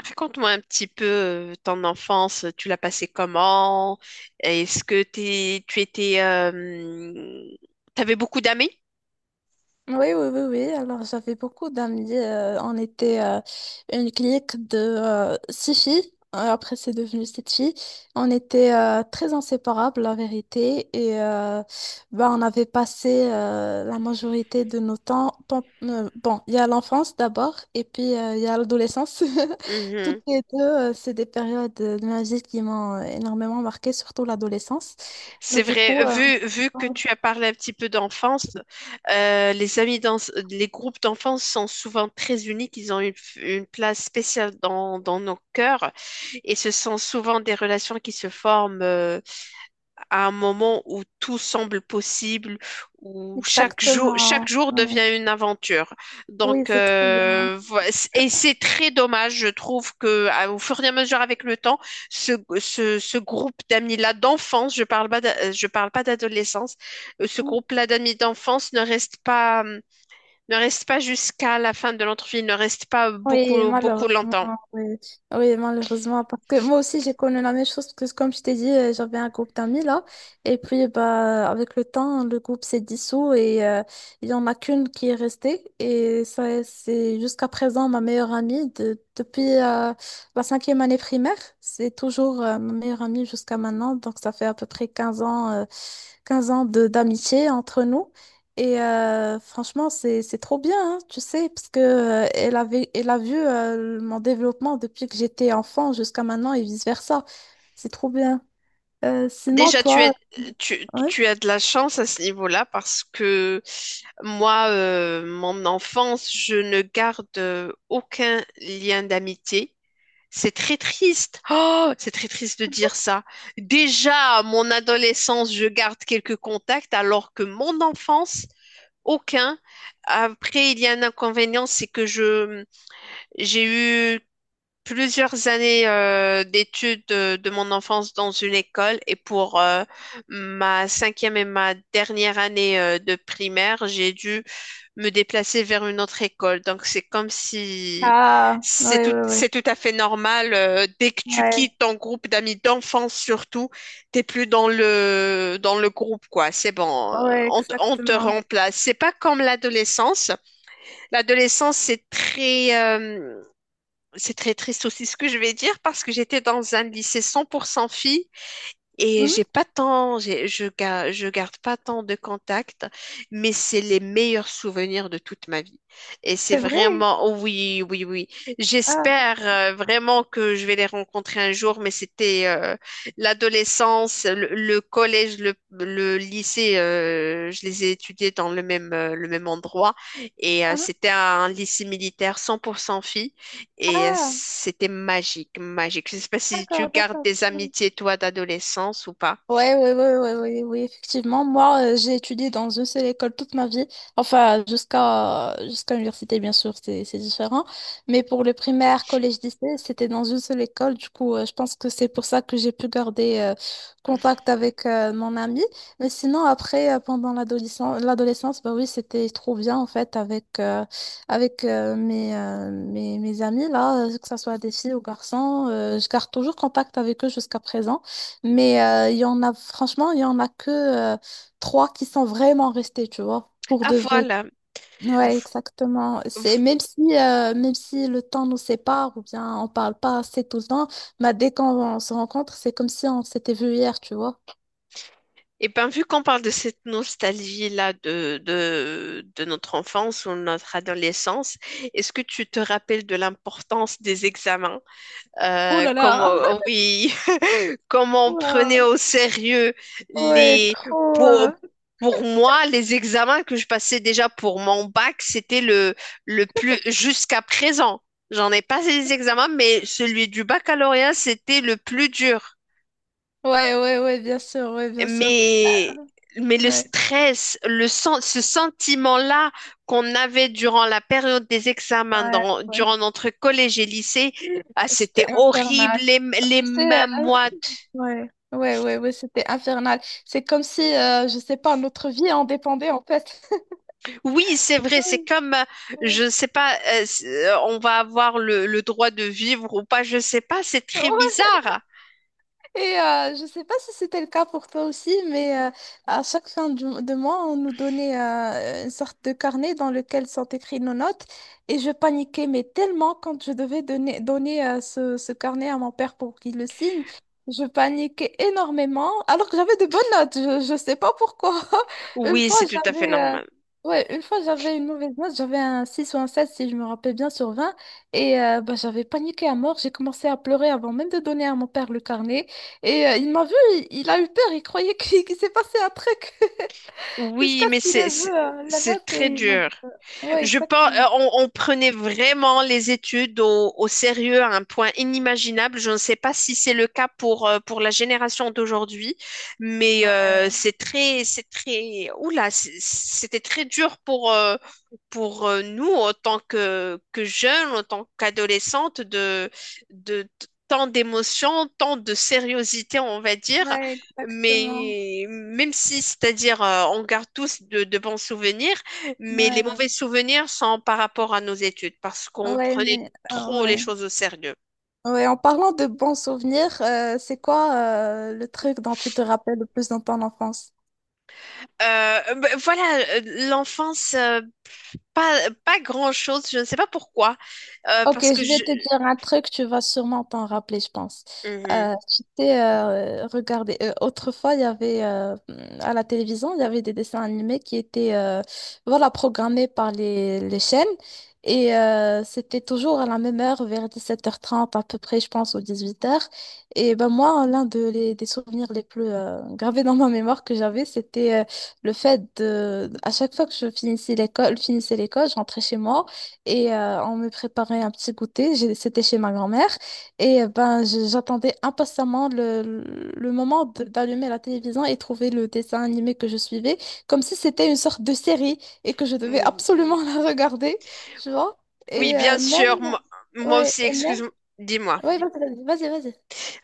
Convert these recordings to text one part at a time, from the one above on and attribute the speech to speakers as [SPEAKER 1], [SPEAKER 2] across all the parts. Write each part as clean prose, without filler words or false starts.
[SPEAKER 1] Raconte-moi un petit peu ton enfance, tu l'as passée comment? Est-ce que t'avais beaucoup d'amis?
[SPEAKER 2] Oui, oui, oui, oui. Alors, j'avais beaucoup d'amis. On était une clique de six filles. Après, c'est devenu sept filles. On était très inséparables, la vérité. Et bah, on avait passé la majorité de nos temps. Bon, il y a l'enfance d'abord, et puis il y a l'adolescence. Toutes
[SPEAKER 1] Mhm.
[SPEAKER 2] les deux, c'est des périodes de ma vie qui m'ont énormément marquée, surtout l'adolescence. Bah,
[SPEAKER 1] C'est
[SPEAKER 2] du coup,
[SPEAKER 1] vrai, vu que
[SPEAKER 2] ouais,
[SPEAKER 1] tu as parlé un petit peu d'enfance, les amis les groupes d'enfance sont souvent très uniques, ils ont une place spéciale dans nos cœurs et ce sont souvent des relations qui se forment. À un moment où tout semble possible, où chaque
[SPEAKER 2] exactement.
[SPEAKER 1] jour
[SPEAKER 2] Ouais.
[SPEAKER 1] devient une aventure.
[SPEAKER 2] Oui,
[SPEAKER 1] Donc,
[SPEAKER 2] c'est trop bien.
[SPEAKER 1] et c'est très dommage, je trouve que au fur et à mesure avec le temps, ce, ce groupe d'amis-là d'enfance, je parle pas, je parle pas d'adolescence, ce groupe-là d'amis d'enfance ne reste pas jusqu'à la fin de notre vie, ne reste pas
[SPEAKER 2] Oui,
[SPEAKER 1] beaucoup, beaucoup
[SPEAKER 2] malheureusement,
[SPEAKER 1] longtemps.
[SPEAKER 2] oui. Oui, malheureusement, parce que moi aussi, j'ai connu la même chose, parce que comme je t'ai dit, j'avais un groupe d'amis là, et puis bah, avec le temps, le groupe s'est dissous et il y en a qu'une qui est restée, et ça, c'est jusqu'à présent ma meilleure amie depuis la cinquième année primaire, c'est toujours ma meilleure amie jusqu'à maintenant, donc ça fait à peu près 15 ans, 15 ans de d'amitié entre nous. Et franchement, c'est trop bien, hein, tu sais, parce que elle a vu mon développement depuis que j'étais enfant jusqu'à maintenant et vice-versa. C'est trop bien. Sinon,
[SPEAKER 1] Déjà,
[SPEAKER 2] toi, oui.
[SPEAKER 1] tu as de la chance à ce niveau-là parce que moi, mon enfance, je ne garde aucun lien d'amitié. C'est très triste. Oh, c'est très triste de dire ça. Déjà, à mon adolescence, je garde quelques contacts alors que mon enfance, aucun. Après, il y a un inconvénient, c'est que j'ai eu plusieurs années d'études de mon enfance dans une école et pour ma cinquième et ma dernière année de primaire, j'ai dû me déplacer vers une autre école. Donc c'est comme si
[SPEAKER 2] Ah, oui, oui, oui.
[SPEAKER 1] c'est tout à fait normal. Dès que tu
[SPEAKER 2] Ouais,
[SPEAKER 1] quittes ton groupe d'amis d'enfance surtout, t'es plus dans le groupe quoi. C'est bon,
[SPEAKER 2] ouais,
[SPEAKER 1] on te
[SPEAKER 2] exactement.
[SPEAKER 1] remplace. C'est pas comme l'adolescence. L'adolescence c'est très triste aussi ce que je vais dire parce que j'étais dans un lycée 100% filles et j'ai
[SPEAKER 2] Mhm,
[SPEAKER 1] pas tant, j'ai- je, ga- je garde pas tant de contacts, mais c'est les meilleurs souvenirs de toute ma vie. Et c'est
[SPEAKER 2] c'est vrai.
[SPEAKER 1] vraiment, oh oui, oui, oui.
[SPEAKER 2] Ah,
[SPEAKER 1] J'espère vraiment que je vais les rencontrer un jour, mais c'était l'adolescence, le collège, le lycée, je les ai étudiés dans le même endroit et
[SPEAKER 2] ah,
[SPEAKER 1] c'était un lycée militaire 100% filles. Et
[SPEAKER 2] ah,
[SPEAKER 1] c'était magique, magique. Je ne sais pas si tu
[SPEAKER 2] d'accord,
[SPEAKER 1] gardes
[SPEAKER 2] d'accord.
[SPEAKER 1] des amitiés, toi, d'adolescence ou pas.
[SPEAKER 2] Ouais, ouais, ouais, ouais, ouais, oui, effectivement. Moi, j'ai étudié dans une seule école toute ma vie. Enfin, jusqu'à l'université, bien sûr, c'est différent. Mais pour le primaire, collège, lycée, c'était dans une seule école. Du coup, je pense que c'est pour ça que j'ai pu garder contact avec mon ami. Mais sinon, après, pendant l'adolescence, l'adolescence, bah oui, c'était trop bien en fait avec mes amis là, que ce soit des filles ou garçons. Je garde toujours contact avec eux jusqu'à présent. Mais il y en a, franchement, il y en a que trois qui sont vraiment restés, tu vois, pour
[SPEAKER 1] Ah,
[SPEAKER 2] de vrai.
[SPEAKER 1] voilà.
[SPEAKER 2] Ouais, exactement. C'est même si le temps nous sépare ou bien on parle pas assez tout le temps, bah, dès qu'on se rencontre, c'est comme si on s'était vu hier, tu vois.
[SPEAKER 1] Et bien, vu qu'on parle de cette nostalgie-là de notre enfance ou notre adolescence, est-ce que tu te rappelles de l'importance des examens?
[SPEAKER 2] Oh là là!
[SPEAKER 1] Oh, oui, comment on prenait
[SPEAKER 2] Wow.
[SPEAKER 1] au sérieux
[SPEAKER 2] Ouais,
[SPEAKER 1] les
[SPEAKER 2] trop.
[SPEAKER 1] pour, pour moi les examens que je passais déjà pour mon bac, c'était le plus jusqu'à présent. J'en ai passé des examens, mais celui du baccalauréat, c'était le plus dur.
[SPEAKER 2] Ouais, ouais, ouais, bien sûr, ouais, bien sûr.
[SPEAKER 1] Mais mais le
[SPEAKER 2] Ouais,
[SPEAKER 1] ce sentiment-là qu'on avait durant la période des examens,
[SPEAKER 2] ouais, ouais.
[SPEAKER 1] durant notre collège et lycée, ah, c'était
[SPEAKER 2] C'était
[SPEAKER 1] horrible,
[SPEAKER 2] infernal.
[SPEAKER 1] les
[SPEAKER 2] Tu sais,
[SPEAKER 1] mains moites.
[SPEAKER 2] ouais, ouais, ouais, ouais, c'était infernal. C'est comme si, je sais pas, notre vie en dépendait en fait.
[SPEAKER 1] Oui, c'est vrai.
[SPEAKER 2] Ouais.
[SPEAKER 1] Je sais pas, on va avoir le droit de vivre ou pas. Je sais pas. C'est très
[SPEAKER 2] Ouais,
[SPEAKER 1] bizarre.
[SPEAKER 2] et je ne sais pas si c'était le cas pour toi aussi, mais à chaque fin de mois, on nous donnait une sorte de carnet dans lequel sont écrites nos notes. Et je paniquais, mais tellement quand je devais donner, ce carnet à mon père pour qu'il le signe, je paniquais énormément, alors que j'avais de bonnes notes. Je ne sais pas pourquoi. Une
[SPEAKER 1] Oui,
[SPEAKER 2] fois,
[SPEAKER 1] c'est tout à fait
[SPEAKER 2] j'avais... euh,
[SPEAKER 1] normal.
[SPEAKER 2] Ouais, une fois j'avais une mauvaise note, j'avais un 6 ou un 7 si je me rappelle bien sur 20 et bah, j'avais paniqué à mort, j'ai commencé à pleurer avant même de donner à mon père le carnet. Et il m'a vu, il a eu peur, il croyait qu'il qu'il s'est passé un truc jusqu'à
[SPEAKER 1] Oui,
[SPEAKER 2] ce
[SPEAKER 1] mais
[SPEAKER 2] qu'il
[SPEAKER 1] c'est,
[SPEAKER 2] ait vu
[SPEAKER 1] c'est
[SPEAKER 2] la
[SPEAKER 1] c'est
[SPEAKER 2] note
[SPEAKER 1] très
[SPEAKER 2] et il m'a
[SPEAKER 1] dur.
[SPEAKER 2] dit. Ouais,
[SPEAKER 1] Je pense,
[SPEAKER 2] exactement.
[SPEAKER 1] on prenait vraiment les études au sérieux à un point inimaginable. Je ne sais pas si c'est le cas pour la génération d'aujourd'hui, mais
[SPEAKER 2] Ouais,
[SPEAKER 1] c'était très dur pour nous, en tant que jeunes, en tant qu'adolescentes, de, tant d'émotions, tant de sériosité, on va dire.
[SPEAKER 2] Ouais, exactement.
[SPEAKER 1] Mais même si, c'est-à-dire, on garde tous de bons souvenirs, mais les
[SPEAKER 2] Ouais, ouais,
[SPEAKER 1] mauvais souvenirs sont par rapport à nos études, parce qu'on
[SPEAKER 2] ouais,
[SPEAKER 1] prenait
[SPEAKER 2] mais
[SPEAKER 1] trop les
[SPEAKER 2] ouais.
[SPEAKER 1] choses au sérieux.
[SPEAKER 2] Ouais, en parlant de bons souvenirs, c'est quoi le truc dont tu te rappelles le plus dans ton enfance?
[SPEAKER 1] Voilà, l'enfance, pas, pas grand-chose, je ne sais pas pourquoi,
[SPEAKER 2] Ok,
[SPEAKER 1] parce que
[SPEAKER 2] je vais
[SPEAKER 1] je...
[SPEAKER 2] te dire un truc, tu vas sûrement t'en rappeler, je pense.
[SPEAKER 1] euh,
[SPEAKER 2] Tu t'es regardé. Autrefois, il y avait à la télévision, il y avait des dessins animés qui étaient voilà, programmés par les chaînes. Et c'était toujours à la même heure, vers 17h30 à peu près, je pense, ou 18h. Et ben moi, l'un des souvenirs les plus gravés dans ma mémoire que j'avais, c'était le fait de, à chaque fois que je finissais l'école, je rentrais chez moi. Et on me préparait un petit goûter, c'était chez ma grand-mère. Et ben, j'attendais impatiemment le moment d'allumer la télévision et trouver le dessin animé que je suivais, comme si c'était une sorte de série et que je
[SPEAKER 1] Mhm.
[SPEAKER 2] devais
[SPEAKER 1] Oui.
[SPEAKER 2] absolument la regarder, tu vois.
[SPEAKER 1] Oui,
[SPEAKER 2] Et
[SPEAKER 1] bien
[SPEAKER 2] même,
[SPEAKER 1] sûr, moi
[SPEAKER 2] ouais,
[SPEAKER 1] aussi,
[SPEAKER 2] et même,
[SPEAKER 1] excuse-moi, dis-moi.
[SPEAKER 2] ouais, vas-y, vas-y, vas-y.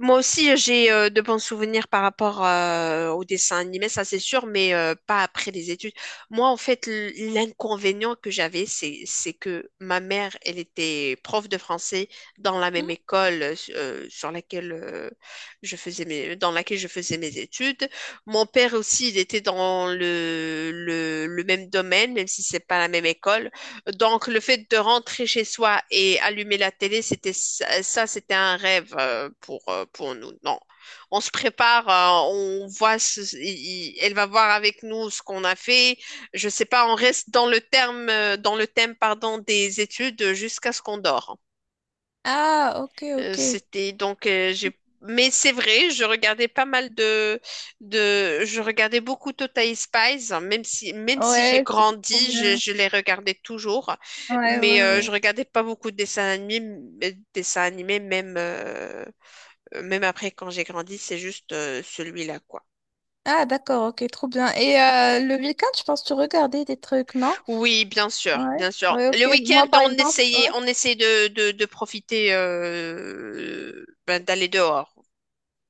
[SPEAKER 1] Moi aussi, j'ai de bons souvenirs par rapport au dessin animé, ça c'est sûr, mais pas après les études. Moi, en fait, l'inconvénient que j'avais, c'est que ma mère, elle était prof de français dans la même
[SPEAKER 2] Mhm.
[SPEAKER 1] école sur laquelle je faisais mes, dans laquelle je faisais mes études. Mon père aussi, il était dans le même domaine, même si c'est pas la même école. Donc, le fait de rentrer chez soi et allumer la télé, c'était c'était un rêve pour nous. Non, on se prépare, on voit, elle va voir avec nous ce qu'on a fait. Je sais pas, on reste dans le terme, dans le thème, pardon, des études jusqu'à ce qu'on dort.
[SPEAKER 2] Ah, ok, ok.
[SPEAKER 1] C'était donc j'ai mais c'est vrai, je regardais pas mal de je regardais beaucoup Total Spies, hein, même si j'ai
[SPEAKER 2] Ouais, c'était trop
[SPEAKER 1] grandi,
[SPEAKER 2] bien.
[SPEAKER 1] je les regardais toujours,
[SPEAKER 2] Ouais, ouais,
[SPEAKER 1] mais
[SPEAKER 2] ouais.
[SPEAKER 1] je regardais pas beaucoup de dessins animés, dessins animés même même après quand j'ai grandi, c'est juste celui-là quoi.
[SPEAKER 2] Ah, d'accord, ok, trop bien. Et le week-end, je pense que tu regardais des trucs, non?
[SPEAKER 1] Oui, bien sûr,
[SPEAKER 2] Ouais,
[SPEAKER 1] bien sûr.
[SPEAKER 2] ouais,
[SPEAKER 1] Le
[SPEAKER 2] ok. Moi,
[SPEAKER 1] week-end,
[SPEAKER 2] par exemple, ouais,
[SPEAKER 1] on essayait de profiter ben, d'aller dehors.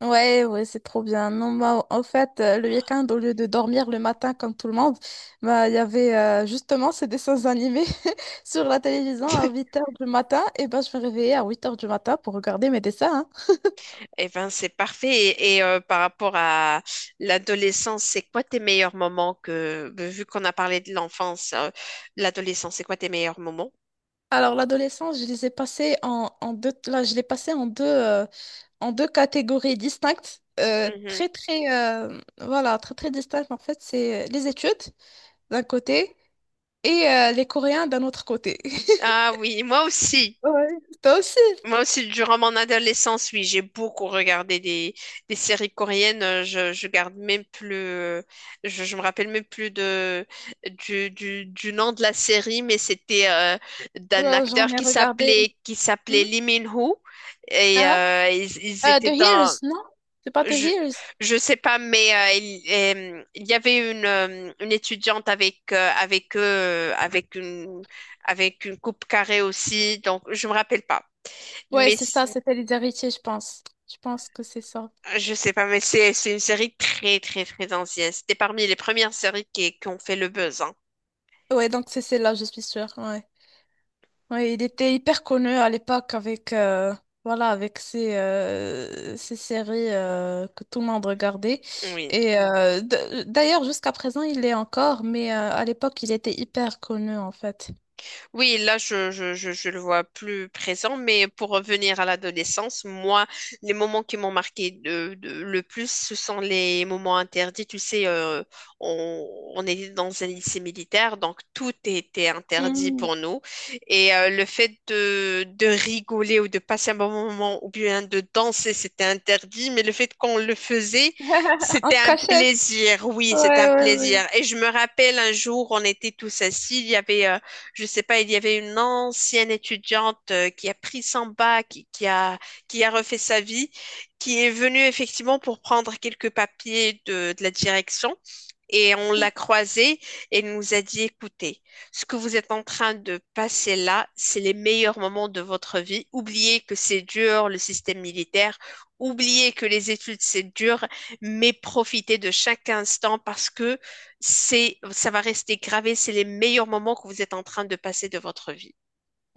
[SPEAKER 2] ouais, ouais, c'est trop bien. Non, moi, en fait, le week-end, au lieu de dormir le matin comme tout le monde, bah, il y avait justement ces dessins animés sur la télévision à 8 heures du matin. Et ben, je me réveillais à 8 heures du matin pour regarder mes dessins, hein.
[SPEAKER 1] Eh ben, c'est parfait. Par rapport à l'adolescence, c'est quoi tes meilleurs moments que, vu qu'on a parlé de l'enfance, l'adolescence, c'est quoi tes meilleurs moments?
[SPEAKER 2] Alors, l'adolescence, je les ai passés en, deux, là, je l'ai passé en deux catégories distinctes.
[SPEAKER 1] Mhm.
[SPEAKER 2] Très, très, voilà, très, très distinctes. En fait, c'est les études d'un côté et les Coréens d'un autre côté.
[SPEAKER 1] Ah oui, moi aussi.
[SPEAKER 2] Ouais. Ouais. Toi aussi.
[SPEAKER 1] Moi aussi, durant mon adolescence, oui, j'ai beaucoup regardé des séries coréennes. Je garde même plus, je me rappelle même plus du nom de la série, mais c'était d'un
[SPEAKER 2] Ouais, j'en
[SPEAKER 1] acteur
[SPEAKER 2] ai regardé.
[SPEAKER 1] qui s'appelait
[SPEAKER 2] Mhm.
[SPEAKER 1] Lee Min-ho et
[SPEAKER 2] Hein?
[SPEAKER 1] ils
[SPEAKER 2] The
[SPEAKER 1] étaient dans,
[SPEAKER 2] Hears, non? C'est pas The
[SPEAKER 1] je,
[SPEAKER 2] Hears.
[SPEAKER 1] je sais pas, mais il y avait une étudiante avec avec eux, avec une coupe carrée aussi, donc je me rappelle pas.
[SPEAKER 2] Ouais,
[SPEAKER 1] Mais
[SPEAKER 2] c'est ça, c'était Les Héritiers, je pense. Je pense que c'est ça.
[SPEAKER 1] je sais pas, mais c'est une série très très très ancienne. C'était parmi les premières séries qui ont fait le buzz, hein.
[SPEAKER 2] Ouais, donc c'est celle-là, je suis sûre. Ouais. Ouais, il était hyper connu à l'époque avec, voilà, avec ses séries que tout le monde regardait.
[SPEAKER 1] Oui.
[SPEAKER 2] Et d'ailleurs, jusqu'à présent, il l'est encore, mais à l'époque, il était hyper connu en fait.
[SPEAKER 1] Oui, là, je le vois plus présent, mais pour revenir à l'adolescence, moi, les moments qui m'ont marqué le plus, ce sont les moments interdits. Tu sais, on, on était dans un lycée militaire, donc tout était interdit
[SPEAKER 2] Mm.
[SPEAKER 1] pour nous. Et le fait de rigoler ou de passer un bon moment ou bien de danser, c'était interdit, mais le fait qu'on le faisait,
[SPEAKER 2] En
[SPEAKER 1] c'était un
[SPEAKER 2] cachette.
[SPEAKER 1] plaisir. Oui, c'était un
[SPEAKER 2] Ouais, ouais,
[SPEAKER 1] plaisir. Et je me rappelle un jour, on était tous assis, il y avait... je sais pas, il y avait une ancienne étudiante qui a pris son bac, qui a refait sa vie, qui est venue effectivement pour prendre quelques papiers de la direction et on
[SPEAKER 2] ouais.
[SPEAKER 1] l'a croisée et elle nous a dit, écoutez, ce que vous êtes en train de passer là, c'est les meilleurs moments de votre vie. Oubliez que c'est dur, le système militaire. Oubliez que les études, c'est dur, mais profitez de chaque instant parce que ça va rester gravé. C'est les meilleurs moments que vous êtes en train de passer de votre vie.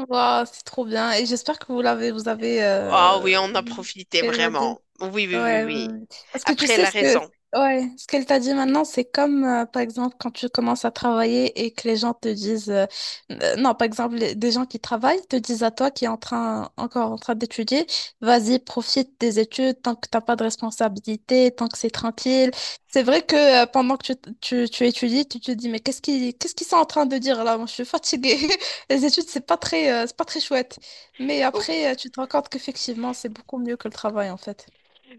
[SPEAKER 2] Waouh, c'est trop bien. Et j'espère que vous avez
[SPEAKER 1] Ah oui, on a profité
[SPEAKER 2] évadé.
[SPEAKER 1] vraiment. Oui, oui, oui,
[SPEAKER 2] Ouais, ouais,
[SPEAKER 1] oui.
[SPEAKER 2] ouais. Parce que tu
[SPEAKER 1] Après, elle
[SPEAKER 2] sais
[SPEAKER 1] a
[SPEAKER 2] ce que
[SPEAKER 1] raison.
[SPEAKER 2] ouais, ce qu'elle t'a dit maintenant, c'est comme par exemple quand tu commences à travailler et que les gens te disent non, par exemple des gens qui travaillent te disent à toi qui est en train encore en train d'étudier, vas-y, profite des études tant que t'as pas de responsabilité, tant que c'est tranquille. C'est vrai que pendant que tu étudies, tu te dis mais qu'est-ce qu'ils sont en train de dire là? Moi, je suis fatiguée. Les études, c'est pas très chouette. Mais après, tu te rends compte qu'effectivement, c'est beaucoup mieux que le travail en fait.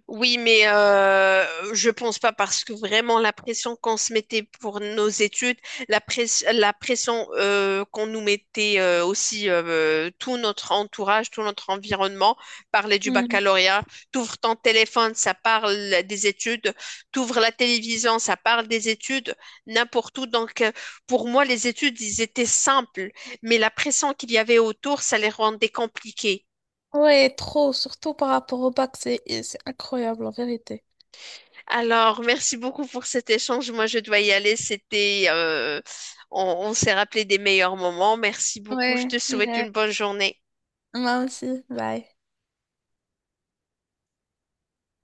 [SPEAKER 1] Oui, mais je pense pas parce que vraiment la pression qu'on se mettait pour nos études, la pression qu'on nous mettait aussi tout notre entourage, tout notre environnement, parler du
[SPEAKER 2] Hmm.
[SPEAKER 1] baccalauréat, t'ouvres ton téléphone, ça parle des études, t'ouvres la télévision, ça parle des études, n'importe où. Donc pour moi, les études, ils étaient simples, mais la pression qu'il y avait autour, ça les rendait compliquées.
[SPEAKER 2] Ouais, trop, surtout par rapport au bac, c'est incroyable en vérité.
[SPEAKER 1] Alors, merci beaucoup pour cet échange. Moi, je dois y aller. C'était, on on s'est rappelé des meilleurs moments. Merci beaucoup. Je
[SPEAKER 2] Ouais,
[SPEAKER 1] te souhaite
[SPEAKER 2] ouais.
[SPEAKER 1] une bonne journée.
[SPEAKER 2] Moi aussi, bye.